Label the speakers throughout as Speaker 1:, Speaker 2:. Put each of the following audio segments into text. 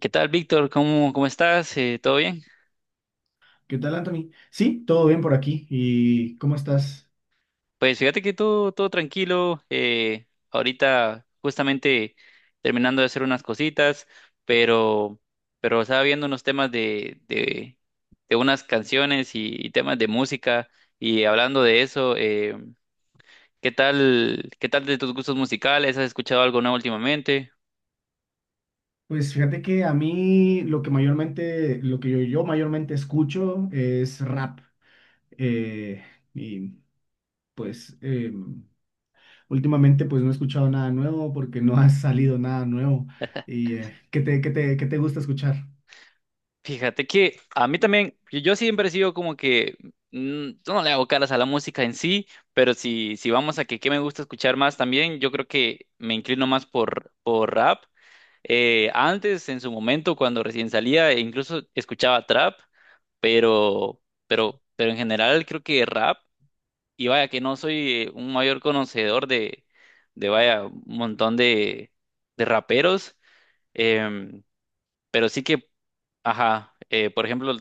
Speaker 1: ¿Qué tal, Víctor? ¿Cómo estás? ¿Todo bien?
Speaker 2: ¿Qué tal, Anthony? Sí, todo bien por aquí. ¿Y cómo estás?
Speaker 1: Pues fíjate que todo tranquilo. Ahorita justamente terminando de hacer unas cositas, pero, pero estaba viendo unos temas de unas canciones y temas de música, y hablando de eso, qué tal de tus gustos musicales? ¿Has escuchado algo nuevo últimamente?
Speaker 2: Pues fíjate que a mí lo que mayormente, lo que yo mayormente escucho es rap. eh, y pues eh, Últimamente pues no he escuchado nada nuevo porque no ha salido nada nuevo. ¿Y qué te gusta escuchar?
Speaker 1: Fíjate que a mí también, yo siempre he sido como que, yo no le hago caras a la música en sí, pero si, si vamos a que qué me gusta escuchar más también, yo creo que me inclino más por rap. Antes, en su momento, cuando recién salía, e incluso escuchaba trap, pero, pero en general creo que rap, y vaya que no soy un mayor conocedor de vaya, un montón de raperos, em, pero sí que... Ajá, por ejemplo,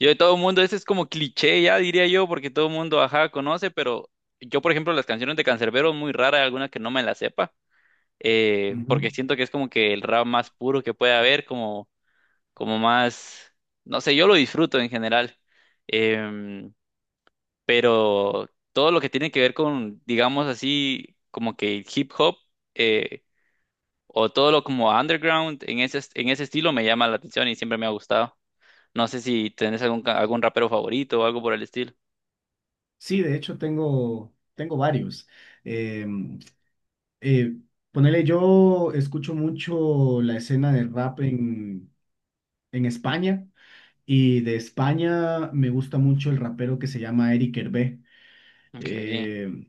Speaker 1: yo de todo el mundo, ese es como cliché ya, diría yo, porque todo el mundo, ajá, conoce, pero yo, por ejemplo, las canciones de Canserbero, muy rara alguna que no me la sepa, porque
Speaker 2: Ujú.
Speaker 1: siento que es como que el rap más puro que puede haber, como, como más, no sé, yo lo disfruto en general, em, pero todo lo que tiene que ver con, digamos así, como que hip hop, eh, o todo lo como underground, en ese estilo me llama la atención y siempre me ha gustado. No sé si tenés algún, algún rapero favorito o algo por el estilo.
Speaker 2: Sí, de hecho tengo varios. Em, eh, Ponele, yo escucho mucho la escena de en España. Y de España me gusta mucho el rapero que se llama Eric Hervé.
Speaker 1: Okay.
Speaker 2: Eh,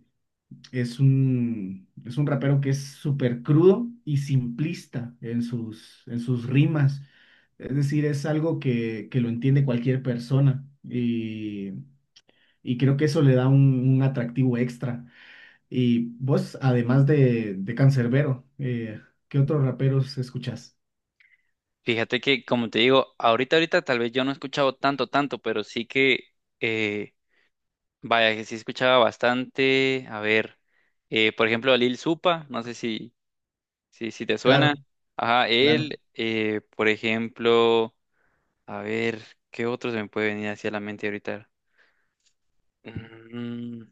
Speaker 2: es es un rapero que es súper crudo y simplista en en sus rimas. Es decir, es algo que lo entiende cualquier persona y creo que eso le da un atractivo extra. Y vos, además de Canserbero, ¿qué otros raperos escuchás?
Speaker 1: Fíjate que, como te digo, ahorita tal vez yo no he escuchado tanto, pero sí que, eh, vaya, que sí escuchaba bastante. A ver, por ejemplo, a Lil Supa, no sé si te suena.
Speaker 2: Claro,
Speaker 1: Ajá,
Speaker 2: claro.
Speaker 1: él, por ejemplo, a ver, ¿qué otro se me puede venir hacia la mente ahorita? Mm,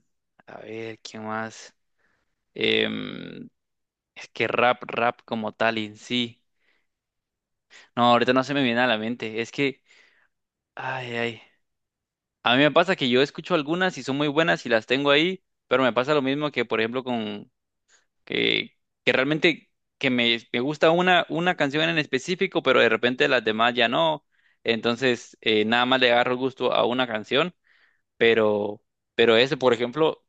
Speaker 1: a ver, ¿quién más? Em, es que rap como tal en sí. No, ahorita no se me viene a la mente. Es que, ay, ay. A mí me pasa que yo escucho algunas y son muy buenas y las tengo ahí, pero me pasa lo mismo que, por ejemplo, con que, que realmente que me gusta una canción en específico, pero de repente las demás ya no. Entonces, nada más le agarro gusto a una canción, pero, pero ese, por ejemplo,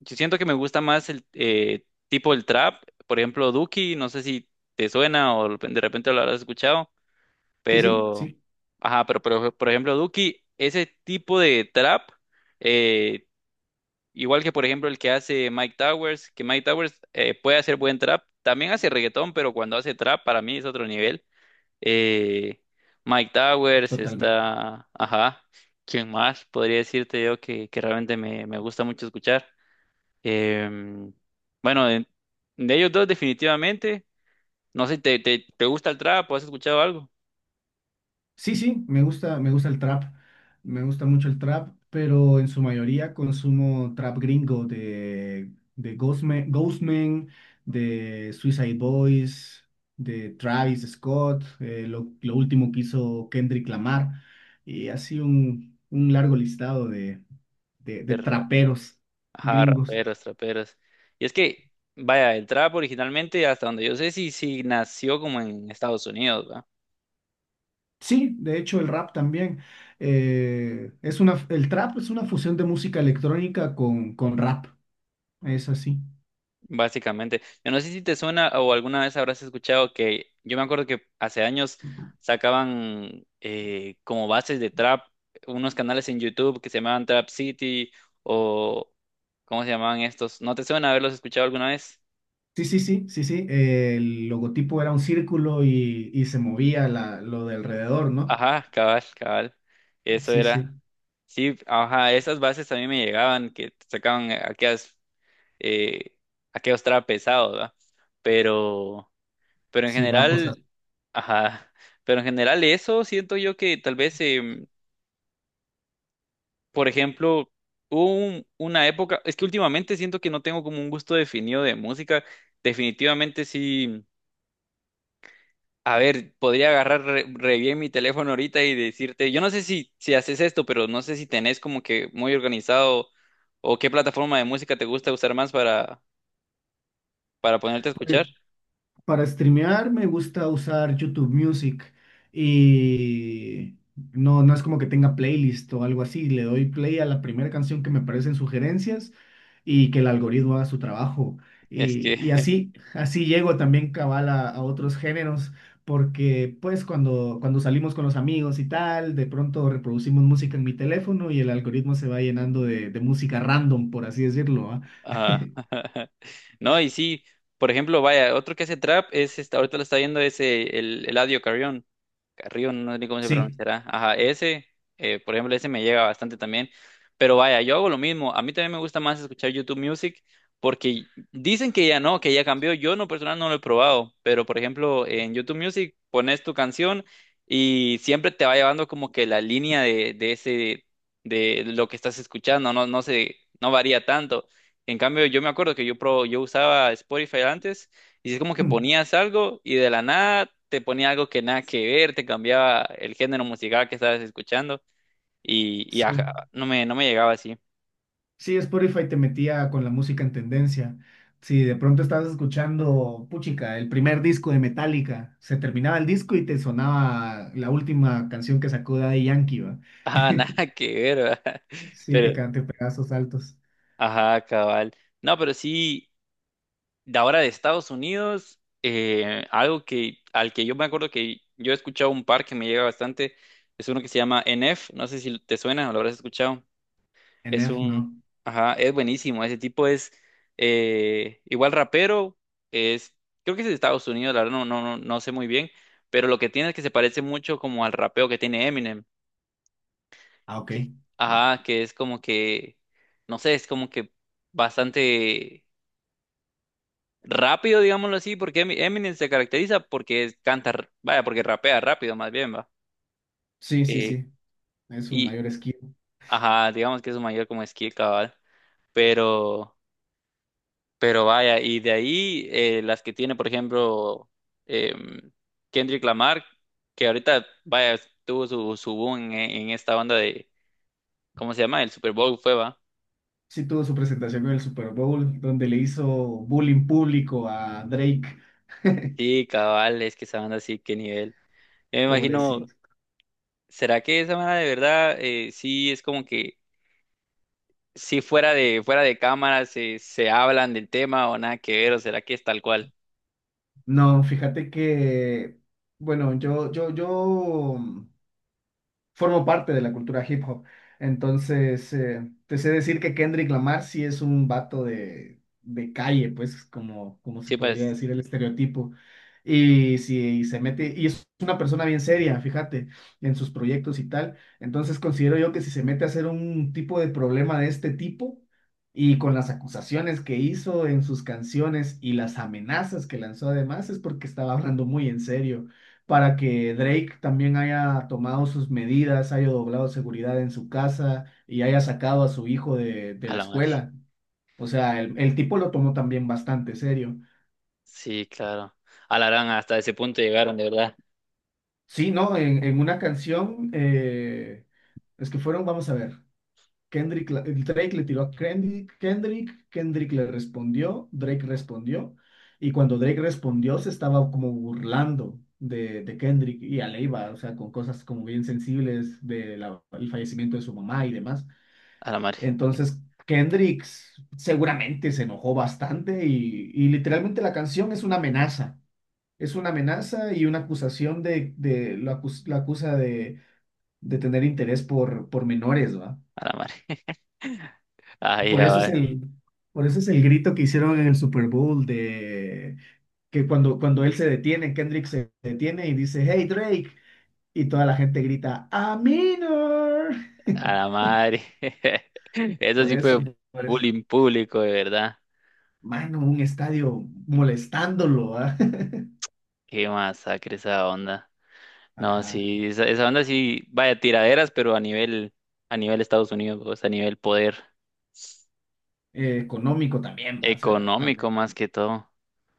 Speaker 1: yo siento que me gusta más el tipo el trap, por ejemplo, Duki, no sé si te suena o de repente lo habrás escuchado.
Speaker 2: Sí, sí,
Speaker 1: Pero,
Speaker 2: sí,
Speaker 1: ajá, pero, por ejemplo, Duki, ese tipo de trap, eh, igual que por ejemplo el que hace Mike Towers, que Mike Towers puede hacer buen trap, también hace reggaetón, pero cuando hace trap para mí es otro nivel. Eh, Mike Towers
Speaker 2: totalmente.
Speaker 1: está, ajá, ¿quién más? Podría decirte yo que realmente me, me gusta mucho escuchar. Em, bueno, de ellos dos definitivamente, no sé, ¿te, te, te gusta el trap o has escuchado algo?
Speaker 2: Sí, sí, me gusta el trap, me gusta mucho el trap, pero en su mayoría consumo trap gringo de Ghostman, Ghostman, de Suicide Boys, de Travis Scott, lo último que hizo Kendrick Lamar, y así un largo listado de traperos
Speaker 1: Ajá,
Speaker 2: gringos.
Speaker 1: raperos, traperos. Y es que, vaya, el trap originalmente, hasta donde yo sé, sí, sí nació como en Estados Unidos, ¿va?
Speaker 2: Sí, de hecho el rap también. Es una, el trap es una fusión de música electrónica con rap, es así.
Speaker 1: Básicamente. Yo no sé si te suena o alguna vez habrás escuchado que yo me acuerdo que hace años sacaban como bases de trap unos canales en YouTube que se llamaban Trap City o ¿cómo se llamaban estos? ¿No te suena haberlos escuchado alguna vez?
Speaker 2: Sí, sí, sí, sí, sí. El logotipo era un círculo y se movía la, lo de alrededor, ¿no?
Speaker 1: Ajá, cabal, cabal. Eso
Speaker 2: Sí, sí.
Speaker 1: era. Sí, ajá, esas bases a mí me llegaban, que sacaban aquellas eh, aquello estaba pesado, ¿verdad? Pero, pero en
Speaker 2: Sí, bajo, o sea,
Speaker 1: general, ajá, pero en general eso siento yo que tal vez, por ejemplo, hubo una época, es que últimamente siento que no tengo como un gusto definido de música, definitivamente sí, a ver, podría agarrar re, re bien mi teléfono ahorita y decirte, yo no sé si, si haces esto, pero no sé si tenés como que muy organizado o qué plataforma de música te gusta usar más para ponerte a escuchar.
Speaker 2: para streamear me gusta usar YouTube Music y no, no es como que tenga playlist o algo así. Le doy play a la primera canción que me aparecen sugerencias y que el algoritmo haga su trabajo.
Speaker 1: Es que
Speaker 2: Y así, así llego también cabal a otros géneros, porque pues cuando salimos con los amigos y tal, de pronto reproducimos música en mi teléfono y el algoritmo se va llenando de música random, por así decirlo, ¿va?
Speaker 1: ajá. No, y sí, por ejemplo, vaya, otro que hace trap es, ahorita lo está viendo, es el Eladio Carrión. Carrillo, no sé cómo se
Speaker 2: Sí,
Speaker 1: pronunciará. Ajá, ese, por ejemplo, ese me llega bastante también. Pero vaya, yo hago lo mismo. A mí también me gusta más escuchar YouTube Music porque dicen que ya no, que ya cambió. Yo no personal no lo he probado, pero por ejemplo, en YouTube Music pones tu canción y siempre te va llevando como que la línea de ese, de lo que estás escuchando. No, no sé, no varía tanto. En cambio, yo me acuerdo que yo, pro, yo usaba Spotify antes y es como que ponías algo y de la nada te ponía algo que nada que ver, te cambiaba el género musical que estabas escuchando y ajá,
Speaker 2: sí.
Speaker 1: no me, no me llegaba así.
Speaker 2: Sí, Spotify te metía con la música en tendencia. Si de pronto estabas escuchando, puchica, el primer disco de Metallica, se terminaba el disco y te sonaba la última canción que sacó Daddy Yankee, ¿va?
Speaker 1: Ajá, nada que ver, ¿verdad?
Speaker 2: Sí, te,
Speaker 1: Pero,
Speaker 2: pedazos altos, esos saltos.
Speaker 1: ajá, cabal. No, pero sí, de ahora de Estados Unidos, algo que, al que yo me acuerdo que yo he escuchado un par que me llega bastante, es uno que se llama NF, no sé si te suena o lo habrás escuchado. Es
Speaker 2: NF,
Speaker 1: un,
Speaker 2: ¿no?
Speaker 1: ajá, es buenísimo. Ese tipo es igual rapero, es, creo que es de Estados Unidos, la verdad no sé muy bien, pero lo que tiene es que se parece mucho como al rapeo que tiene Eminem.
Speaker 2: Ah, ok.
Speaker 1: que- Ajá, que es como que, no sé, es como que bastante rápido, digámoslo así, porque Eminem se caracteriza porque canta, vaya, porque rapea rápido más bien, va.
Speaker 2: Sí, sí,
Speaker 1: Eh,
Speaker 2: sí. Es su
Speaker 1: y,
Speaker 2: mayor esquivo.
Speaker 1: ajá, digamos que es su mayor como skill, cabal. Pero... Pero vaya, y de ahí las que tiene, por ejemplo, em, Kendrick Lamar, que ahorita, vaya, tuvo su, su boom en esta banda de, ¿cómo se llama? El Super Bowl fue, va.
Speaker 2: Sí, tuvo su presentación en el Super Bowl, donde le hizo bullying público a Drake.
Speaker 1: Sí, cabal, es que esa banda sí, qué nivel. Yo me imagino,
Speaker 2: Pobrecito.
Speaker 1: ¿será que esa banda de verdad sí es como que, si fuera de, fuera de cámara se, se hablan del tema o nada que ver, o será que es tal cual?
Speaker 2: No, fíjate que, bueno, yo formo parte de la cultura hip hop. Entonces, te sé decir que Kendrick Lamar sí es un vato de calle, pues, como, como se
Speaker 1: Sí,
Speaker 2: podría
Speaker 1: pues,
Speaker 2: decir el estereotipo. Y si se mete, y es una persona bien seria, fíjate, en sus proyectos y tal. Entonces considero yo que si se mete a hacer un tipo de problema de este tipo, y con las acusaciones que hizo en sus canciones y las amenazas que lanzó además, es porque estaba hablando muy en serio para que Drake también haya tomado sus medidas, haya doblado seguridad en su casa y haya sacado a su hijo de
Speaker 1: a
Speaker 2: la
Speaker 1: la madre.
Speaker 2: escuela. O sea, el tipo lo tomó también bastante serio.
Speaker 1: Sí, claro. A la gran, hasta ese punto llegaron, de verdad,
Speaker 2: Sí, ¿no? En una canción, es que fueron, vamos a ver. Kendrick, Drake le tiró a Kendrick, Kendrick le respondió, Drake respondió, y cuando Drake respondió se estaba como burlando de Kendrick y a, o sea, con cosas como bien sensibles del fallecimiento de su mamá y demás.
Speaker 1: a la madre.
Speaker 2: Entonces, Kendrick seguramente se enojó bastante y literalmente la canción es una amenaza y una acusación de, de la acusa de tener interés por menores, ¿va?
Speaker 1: A la madre. Ay,
Speaker 2: Por eso es por eso es el grito que hicieron en el Super Bowl de que cuando él se detiene, Kendrick se detiene y dice, Hey Drake, y toda la gente grita, A minor.
Speaker 1: a la madre. Eso
Speaker 2: Por
Speaker 1: sí
Speaker 2: eso,
Speaker 1: fue
Speaker 2: por eso.
Speaker 1: bullying público, de verdad.
Speaker 2: Mano, un estadio molestándolo, ¿ah?
Speaker 1: Qué masacre esa onda. No,
Speaker 2: Ajá.
Speaker 1: sí, esa onda sí, vaya tiraderas, pero a nivel Estados Unidos, pues, a nivel poder
Speaker 2: Económico también, o sea,
Speaker 1: económico
Speaker 2: también.
Speaker 1: más que todo.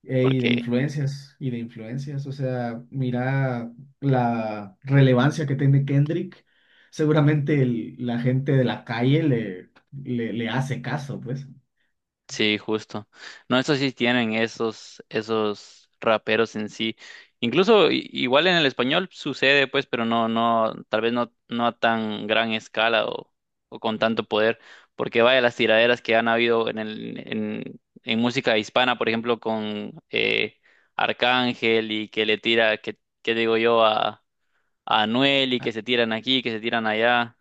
Speaker 1: Porque
Speaker 2: Y de influencias, o sea, mira la relevancia que tiene Kendrick. Seguramente el- la gente de la calle le, le, le hace caso, pues.
Speaker 1: sí, justo. No, eso sí tienen esos, esos raperos en sí. Incluso igual en el español sucede, pues, pero no, no, tal vez no, no a tan gran escala o con tanto poder, porque vaya las tiraderas que han habido en el, en música hispana, por ejemplo, con Arcángel y que le tira, que digo yo, a Anuel y que se tiran aquí, que se tiran allá,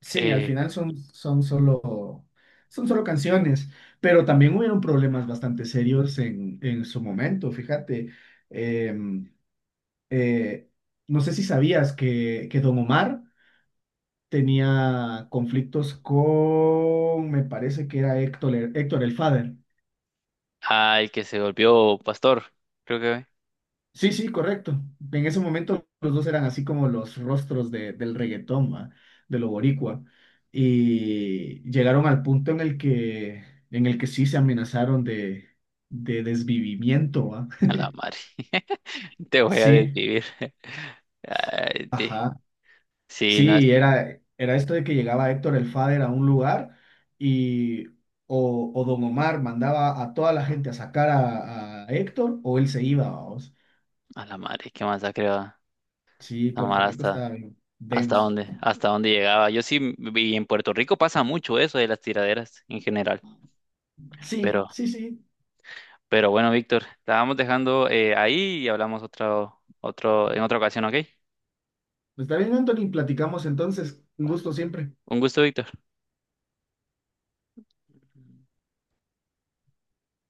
Speaker 2: Sí, al
Speaker 1: eh,
Speaker 2: final son, son solo canciones, pero también hubieron problemas bastante serios en su momento, fíjate. Em, eh, no sé si sabías que Don Omar tenía conflictos con, me parece que era Héctor, Héctor el Father.
Speaker 1: al que se golpeó Pastor, creo que.
Speaker 2: Sí, sí, correcto. En ese momento los dos eran así como los rostros de- del reggaetón, ¿va? De lo boricua. Y llegaron al punto en el en el que sí se amenazaron de desvivimiento, ¿va?
Speaker 1: A la madre. Te voy a
Speaker 2: Sí,
Speaker 1: desvivir. Ay, te-
Speaker 2: ajá.
Speaker 1: Sí, no es.
Speaker 2: Sí, era, era esto de que llegaba Héctor el Father a un lugar y o Don Omar mandaba a toda la gente a sacar a Héctor o él se iba, vamos.
Speaker 1: A la madre, qué masacre va.
Speaker 2: Sí, Puerto
Speaker 1: Amar
Speaker 2: Rico
Speaker 1: hasta.
Speaker 2: está bien
Speaker 1: ¿Hasta
Speaker 2: denso.
Speaker 1: dónde? ¿Hasta dónde llegaba? Yo sí viví en Puerto Rico, pasa mucho eso de las tiraderas en general.
Speaker 2: Sí,
Speaker 1: Pero,
Speaker 2: sí, sí.
Speaker 1: pero bueno, Víctor, la vamos dejando ahí y hablamos otro, otro, en otra ocasión, ¿ok?
Speaker 2: Está bien, Anthony, platicamos entonces. Un gusto siempre.
Speaker 1: Un gusto, Víctor.